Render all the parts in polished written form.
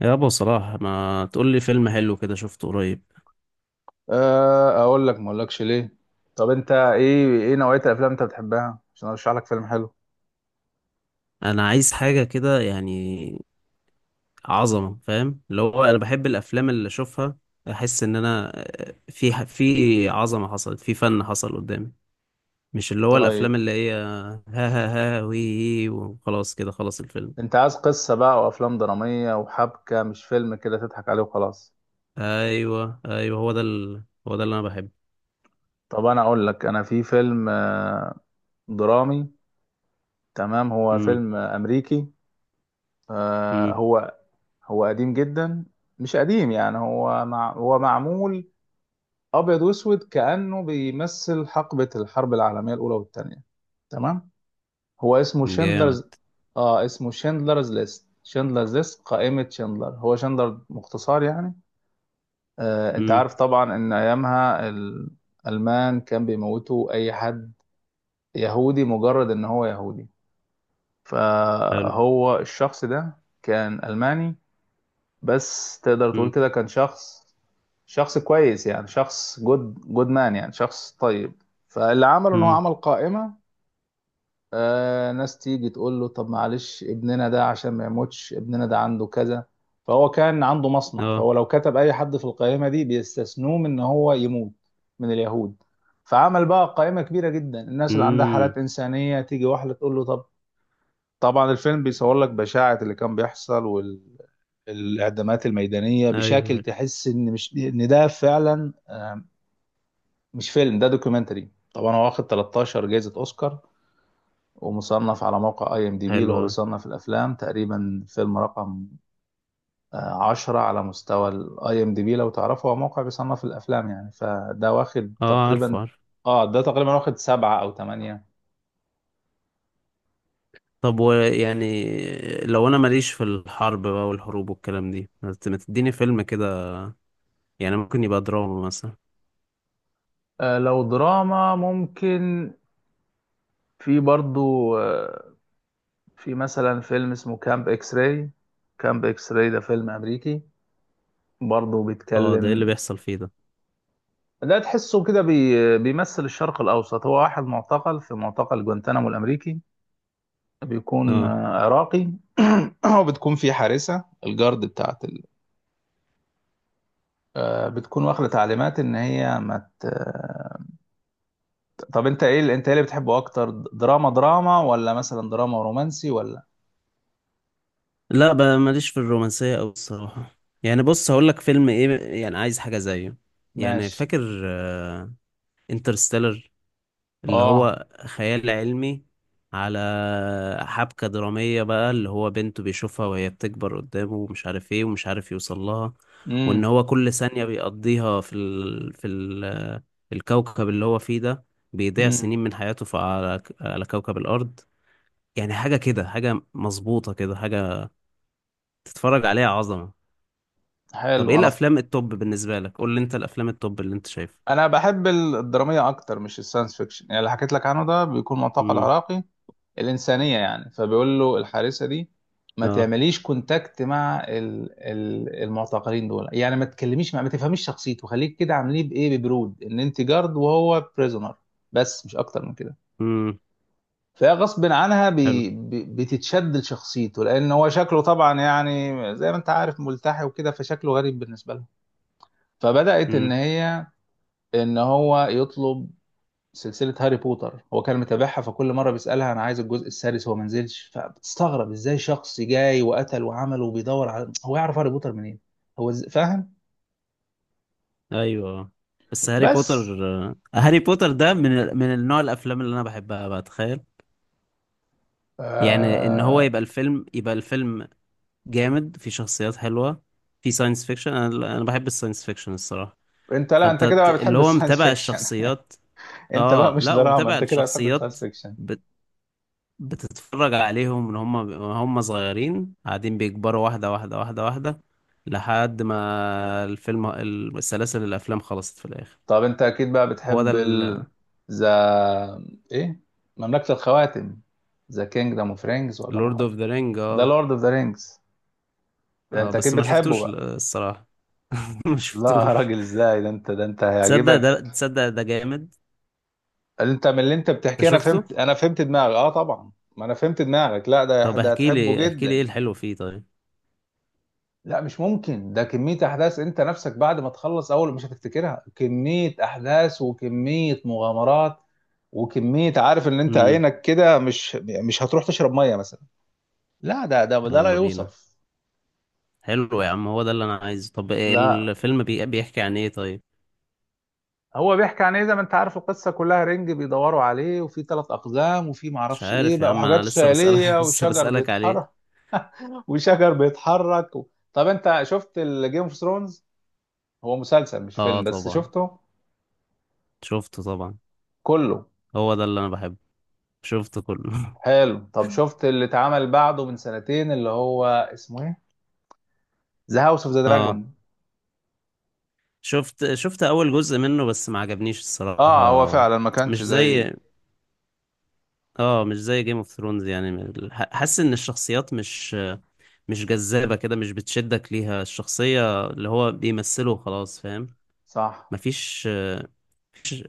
يابا صلاح، ما تقول لي فيلم حلو كده شفته قريب؟ أه، اقول لك ما اقولكش ليه؟ طب انت ايه نوعية الافلام انت بتحبها عشان ارشح لك فيلم حلو؟ انا عايز حاجه كده، يعني عظمه، فاهم؟ اللي هو انا بحب الافلام اللي اشوفها، احس ان انا في عظمه حصلت، في فن حصل قدامي. مش اللي هو الافلام طيب، اللي هي ها ها ها وي وخلاص كده خلص الفيلم. انت عايز قصة بقى وافلام درامية وحبكة، مش فيلم كده تضحك عليه وخلاص. ايوه، ايوه، هو ده هو ده اللي انا بحبه. طب انا اقول لك، انا في فيلم درامي. تمام، هو امم. فيلم امريكي. آه، امم. هو هو قديم جدا. مش قديم يعني، هو معمول ابيض واسود، كأنه بيمثل حقبة الحرب العالمية الاولى والثانية. تمام، هو اسمه جامد. شندلرز. اه، اسمه شندلرز ليست، شندلرز ليست، قائمة شندلر، هو شندلر مختصر يعني. انت امم. عارف طبعا ان ايامها الالمان كان بيموتوا اي حد يهودي، مجرد ان هو يهودي. حلو. فهو الشخص ده كان الماني، بس تقدر تقول امم. كده، كان شخص كويس يعني، شخص جود مان يعني شخص طيب. فاللي عمله ان هو امم. عمل قائمة. ناس تيجي تقول له، طب معلش ابننا ده عشان ما يموتش، ابننا ده عنده كذا. فهو كان عنده مصنع، اه. فهو لو كتب اي حد في القائمه دي بيستثنوه من ان هو يموت، من اليهود. فعمل بقى قائمه كبيره جدا، الناس اللي عندها حالات امم. انسانيه تيجي واحده تقول له طب. طبعا الفيلم بيصور لك بشاعه اللي كان بيحصل والاعدامات الميدانيه، ايوه، بشكل أيوه. تحس ان مش ان ده فعلا. مش فيلم ده دوكيومنتري. طبعا هو واخد 13 جائزه اوسكار، ومصنف على موقع اي ام دي بي اللي حلو هو أوي. بيصنف الافلام، تقريبا فيلم رقم 10 على مستوى الاي ام دي بي. لو تعرفه، هو موقع بيصنف الافلام، يعني فده واخد اه، عارفه، تقريبا. عارفه. اه ده تقريبا واخد 7 او 8. طب، ويعني لو انا ماليش في الحرب بقى والحروب والكلام دي، ما تديني فيلم كده، يعني ممكن يبقى دراما مثلا. لو دراما ممكن. في برضو. في مثلا فيلم اسمه كامب اكس راي. كامب اكس راي ده فيلم امريكي، برضو اه، ده ايه اللي بيتكلم. بيحصل فيه ده؟ ده تحسه كده بيمثل الشرق الاوسط. هو واحد معتقل في معتقل جوانتانامو الامريكي، بيكون اه، عراقي. وبتكون في حارسة، الجارد بتاعت ال... بتكون واخدة تعليمات ان هي ما ت... آه، طب انت ايه اللي بتحبه اكتر، دراما ولا مثلا دراما ورومانسي ولا؟ لا بقى ماليش في الرومانسية أوي الصراحة. يعني بص، هقول لك فيلم ايه، يعني عايز حاجة زيه. يعني ماشي. فاكر انترستيلر؟ اللي اه. هو خيال علمي، على حبكة درامية بقى، اللي هو بنته بيشوفها وهي بتكبر قدامه ومش عارف ايه ومش عارف يوصل لها، وان امم. هو كل ثانية بيقضيها الكوكب اللي هو فيه ده، بيضيع امم. سنين من حياته على كوكب الأرض. يعني حاجة كده، حاجة مظبوطة كده، حاجة تتفرج عليها عظمة. طب، ايه حلو. الأفلام التوب بالنسبة لك؟ قول لي انت الأفلام التوب اللي انت شايفها. انا بحب الدراميه اكتر مش الساينس فيكشن، يعني اللي حكيت لك عنه ده بيكون معتقل امم. عراقي. الإنسانية يعني، فبيقول له الحارسة دي، ما اه. تعمليش كونتاكت مع المعتقلين دول، يعني ما تكلميش مع ما تفهميش شخصيته، خليك كده عامليه بإيه، ببرود، إن أنت جارد وهو بريزونر. بس مش أكتر من كده. امم. فهي غصب عنها حلو. بي بي بتتشد لشخصيته، لأن هو شكله طبعا، يعني زي ما أنت عارف، ملتحي وكده، فشكله غريب بالنسبة لها. فبدأت امم. إن هو يطلب سلسلة هاري بوتر. هو كان متابعها، فكل مرة بيسألها أنا عايز الجزء السادس، هو ما نزلش. فبتستغرب إزاي شخص جاي وقتل وعمل وبيدور على، هو يعرف هاري بوتر منين؟ هو فاهم. ايوه، بس هاري بوتر. بس هاري بوتر ده من النوع الافلام اللي انا بحبها، بقى تخيل! يعني ان هو آه... يبقى الفيلم، يبقى الفيلم جامد، في شخصيات حلوه، في ساينس فيكشن. انا بحب الساينس فيكشن الصراحه. أنت، لا، أنت فانت كده بقى اللي بتحب هو الساينس متابع فيكشن. الشخصيات. أنت بقى اه، مش لا، دراما، ومتابع أنت كده بتحب الشخصيات، الساينس فيكشن. بت... بتتفرج عليهم ان هم، هم صغيرين قاعدين بيكبروا واحده واحده واحده واحده لحد ما الفيلم، السلاسل الافلام خلصت في الاخر. طب أنت أكيد بقى هو ده. بتحب ال، ذا، إيه، مملكة الخواتم، ذا كينجدم أوف رينجز ولا ما لورد اوف أعرفش. ذا رينج، ذا اه. لورد أوف ذا رينجز. ده اه، أنت أكيد بس ما بتحبه شفتوش بقى. الصراحة. ما لا يا شفتوش. راجل، ازاي ده انت تصدق هيعجبك. ده، تصدق ده جامد. انت من اللي انت بتحكيه، انت انا شفته؟ فهمت انا فهمت دماغك، اه طبعا. ما انا فهمت دماغك، لا، ده طب، ده احكي هتحبه لي احكي لي ايه جدا. الحلو فيه طيب. لا مش ممكن، ده كمية احداث، انت نفسك بعد ما تخلص اول مش هتفتكرها، كمية احداث وكمية مغامرات وكمية، عارف ان انت امم. عينك كده، مش هتروح تشرب مية مثلا. لا، ده لا يلا بينا! يوصف. حلو يا عم، هو ده اللي انا عايزه. طب إيه لا، الفيلم بيحكي عن ايه طيب؟ هو بيحكي عن ايه؟ زي ما انت عارف، القصة كلها رنج بيدوروا عليه، وفي ثلاث اقزام، وفي مش معرفش ايه عارف يا بقى، عم، انا وحاجات لسه بسألك. خيالية لسه وشجر بسألك عليه. بيتحرك، وشجر بيتحرك. طب انت شفت الجيم اوف ثرونز؟ هو مسلسل مش اه، فيلم، بس طبعا. شفته شفته طبعا. كله. هو ده اللي انا بحبه. شفته كله. حلو. طب شفت اللي اتعمل بعده من سنتين، اللي هو اسمه ايه، ذا هاوس اوف ذا اه. دراجون؟ شفت، شفت اول جزء منه بس ما عجبنيش اه هو الصراحة. فعلا ما كانش مش زي. زي، اه مش زي جيم اوف ثرونز يعني، حاسس ان الشخصيات مش، جذابة كده، مش بتشدك ليها الشخصية اللي هو بيمثله، خلاص فاهم؟ صح. مفيش، مفيش-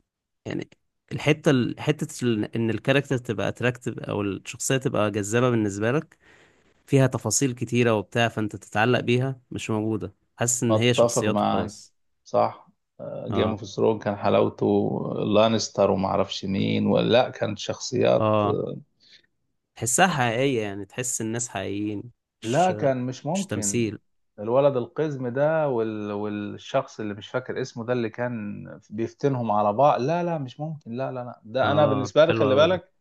يعني الحتة حتة ان الكاركتر تبقى اتراكتيف او الشخصية تبقى جذابة بالنسبة لك، فيها تفاصيل كتيرة وبتاع، فانت تتعلق بيها، مش موجودة. حاسس ان هي اتفق شخصيات معاك. وخلاص. صح. جيم اه، اوف ثرونز كان حلاوته لانستر وما اعرفش مين، ولا كانت شخصيات. اه، تحسها حقيقية، يعني تحس الناس حقيقيين، لا مش، كان مش ممكن. تمثيل. الولد القزم ده والشخص اللي مش فاكر اسمه، ده اللي كان بيفتنهم على بعض. لا لا مش ممكن. لا لا لا، ده انا اه، بالنسبه لي حلو خلي اوي ده. بالك،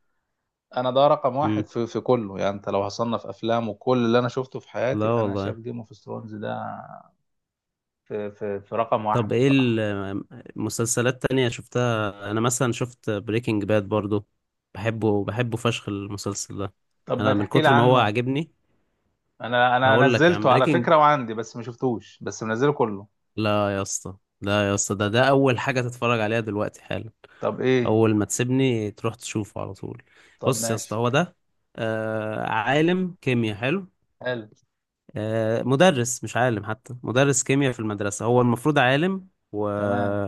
انا ده رقم واحد مم. في كله يعني. انت لو هصنف افلام وكل اللي انا شفته في حياتي، لا انا والله. شايف جيم اوف ثرونز ده في رقم طب، واحد ايه بصراحه. المسلسلات تانية شفتها؟ انا مثلا شفت بريكنج باد برضو، بحبه، بحبه فشخ المسلسل ده، طب ما انا من تحكي لي كتر ما هو عنه. عاجبني. انا هقول لك يا عم، نزلته على بريكنج. فكره وعندي، بس ما شفتوش، بس منزله كله. لا يا اسطى، لا يا اسطى، ده اول حاجة تتفرج عليها دلوقتي حالا. طب ايه؟ اول ما تسيبني تروح تشوفه على طول. طب بص يا اسطى، ماشي. هو ده. عالم كيمياء حلو. حلو. مدرس، مش عالم حتى، مدرس كيمياء في المدرسة. هو المفروض عالم و تمام.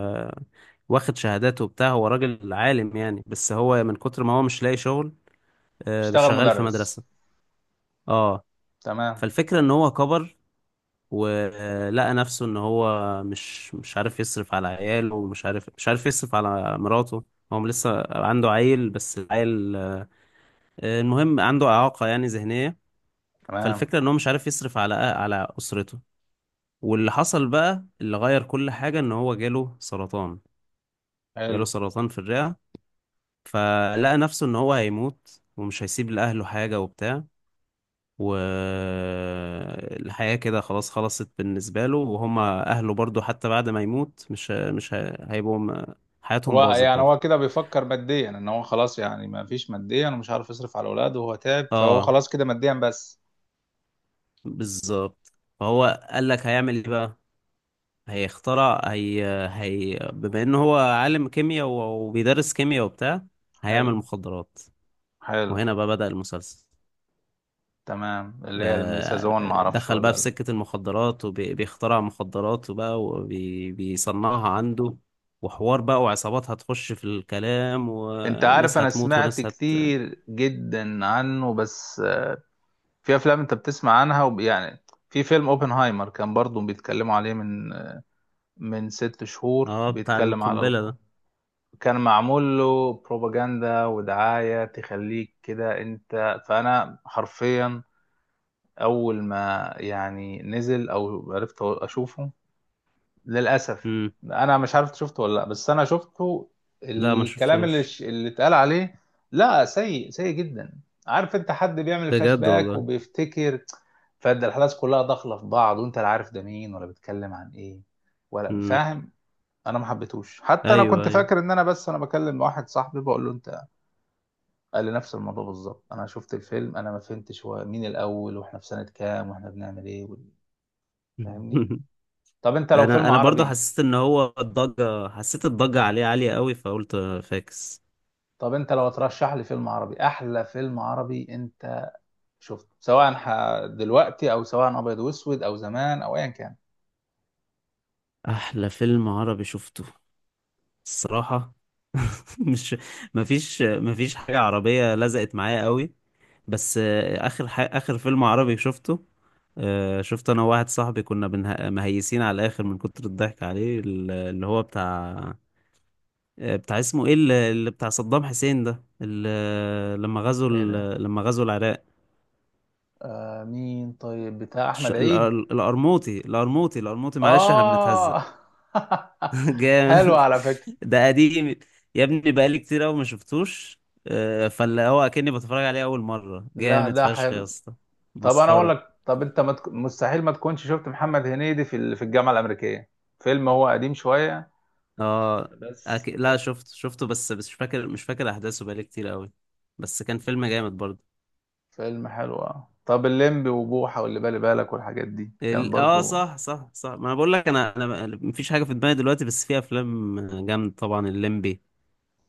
واخد شهاداته وبتاع، هو راجل عالم يعني، بس هو من كتر ما هو مش لاقي شغل، اشتغل شغال في مدرس. مدرسة. اه. تمام. فالفكرة ان هو كبر ولقى نفسه ان هو مش عارف يصرف على عياله، ومش عارف مش عارف يصرف على مراته. هو لسه عنده عيل، بس العيل المهم عنده إعاقة، يعني ذهنية. تمام. فالفكرة ان هو مش عارف يصرف على أسرته. واللي حصل بقى اللي غير كل حاجة ان هو جاله سرطان. جاله حلو. سرطان في الرئة، فلقى نفسه ان هو هيموت ومش هيسيب لأهله حاجة وبتاع، والحياة كده خلاص خلصت بالنسبة له، وهما أهله برضو حتى بعد ما يموت مش هيبقوا حياتهم هو باظت يعني هو برضو. كده بيفكر ماديا ان هو خلاص يعني، ما فيش ماديا ومش عارف يصرف على اولاده وهو تعب، فهو اه، خلاص كده ماديا بس. بالظبط. فهو قال لك هيعمل ايه بقى؟ هيخترع هي، بما انه هو عالم كيمياء وبيدرس كيمياء وبتاع، هيعمل حلو. مخدرات. حلو. وهنا بقى بدأ المسلسل. تمام. اللي هي الميس هزون، ما اعرفش دخل بقى ولا في لا. سكة المخدرات وبيخترع مخدرات وبقى وبيصنعها عنده، وحوار بقى وعصابات هتخش في الكلام انت عارف، وناس انا هتموت سمعت وناس كتير جدا عنه، بس في افلام انت بتسمع عنها يعني. في فيلم اوبنهايمر كان برضو بيتكلموا عليه من 6 شهور. اه، بتاع بيتكلم على القنبلة ده. كان معمول له بروباجندا ودعاية، تخليك كده انت، فانا حرفيا اول ما يعني نزل او عرفت اشوفه، للاسف مم. انا مش عارف شفته ولا لا، بس انا شفته. لا ما الكلام اللي شفتوش. اللي اتقال عليه، لا، سيء سيء جدا. عارف، انت حد بيعمل فلاش بجد باك والله. وبيفتكر، فده الاحداث كلها داخله في بعض وانت لا عارف ده مين، ولا بيتكلم عن ايه، ولا مم. فاهم. انا ما حبيتهوش. حتى انا ايوه، كنت ايوه. فاكر ان انا، بس انا بكلم واحد صاحبي بقول له انت، قال لي نفس الموضوع بالظبط، انا شفت الفيلم انا ما فهمتش هو مين الاول، واحنا في سنة كام، واحنا بنعمل ايه فاهمني؟ طب انت لو انا فيلم انا برضو عربي، حسيت ان هو الضجة، حسيت الضجة عليه عالية قوي، فقلت فاكس. طب انت لو ترشح لي فيلم عربي، احلى فيلم عربي انت شفته، سواء دلوقتي او سواء ابيض واسود او زمان او ايا كان. احلى فيلم عربي شفته الصراحة، مش، مفيش حاجة عربية لزقت معايا قوي. بس آخر فيلم عربي شفته، شفته أنا وواحد صاحبي، كنا مهيسين على الآخر من كتر الضحك عليه، اللي هو بتاع، بتاع اسمه إيه؟ اللي بتاع صدام حسين ده، لما غزوا ايه ده؟ لما غزوا العراق. مين؟ طيب بتاع الش... احمد عيد؟ الأر- الأرموطي، الأرموطي، الأرموطي. معلش احنا بنتهزق. اه. حلو جامد. على فكرة. ده قديم، يا ابني بقالي كتير قوي ما شفتوش. فاللي هو اكني بتفرج عليه اول مره، لا جامد ده فشخ يا حلو. اسطى، طب انا اقول مسخره. لك، طب انت ما تك... مستحيل ما تكونش شفت محمد هنيدي في الجامعه الامريكيه. فيلم هو قديم شويه اه، بس، لا شفته، شفته بس، مش فاكر، احداثه بقالي كتير قوي، بس كان فيلم جامد برضه. فيلم حلو. اه طب الليمبي وبوحه واللي بالي بالك والحاجات دي كانت اه، برضو. صح، صح، صح، ما انا بقول لك، انا مفيش حاجه في دماغي دلوقتي، بس في افلام جامد، طبعا الليمبي.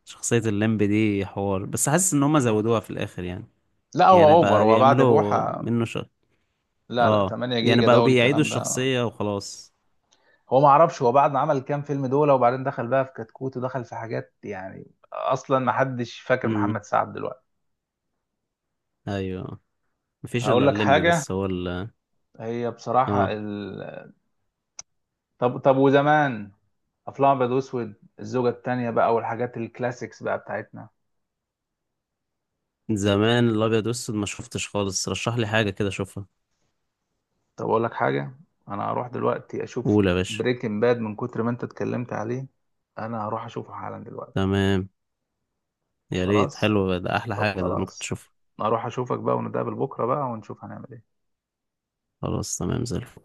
شخصيه الليمبي دي حوار، بس حاسس ان هم زودوها في الاخر يعني، لا هو يعني اوفر، بقى هو بعد بيعملوا بوحه، منه لا لا اه، 8 يعني جيجا بقوا ده بيعيدوا والكلام ده. الشخصيه وخلاص. هو ما اعرفش هو بعد ما عمل كام فيلم دول، وبعدين دخل بقى في كتكوت ودخل في حاجات، يعني اصلا ما حدش فاكر امم. محمد سعد دلوقتي. ايوه، مفيش هقول الا لك الليمبي، حاجه، بس هو هي بصراحه. اه. طب وزمان، افلام ابيض واسود، الزوجه التانية بقى والحاجات الكلاسيكس بقى بتاعتنا. زمان الابيض والاسود ما شفتش خالص، رشح لي حاجه كده اشوفها. طب اقول لك حاجه، انا هروح دلوقتي اشوف قول يا باشا. بريكنج باد من كتر ما انت اتكلمت عليه، انا هروح اشوفه حالا دلوقتي. تمام. يا ريت، خلاص. حلو ده، احلى طب حاجه ده ممكن خلاص. تشوفها. هروح اشوفك بقى ونتقابل بكره بقى ونشوف هنعمل ايه. خلاص تمام، زي الفل.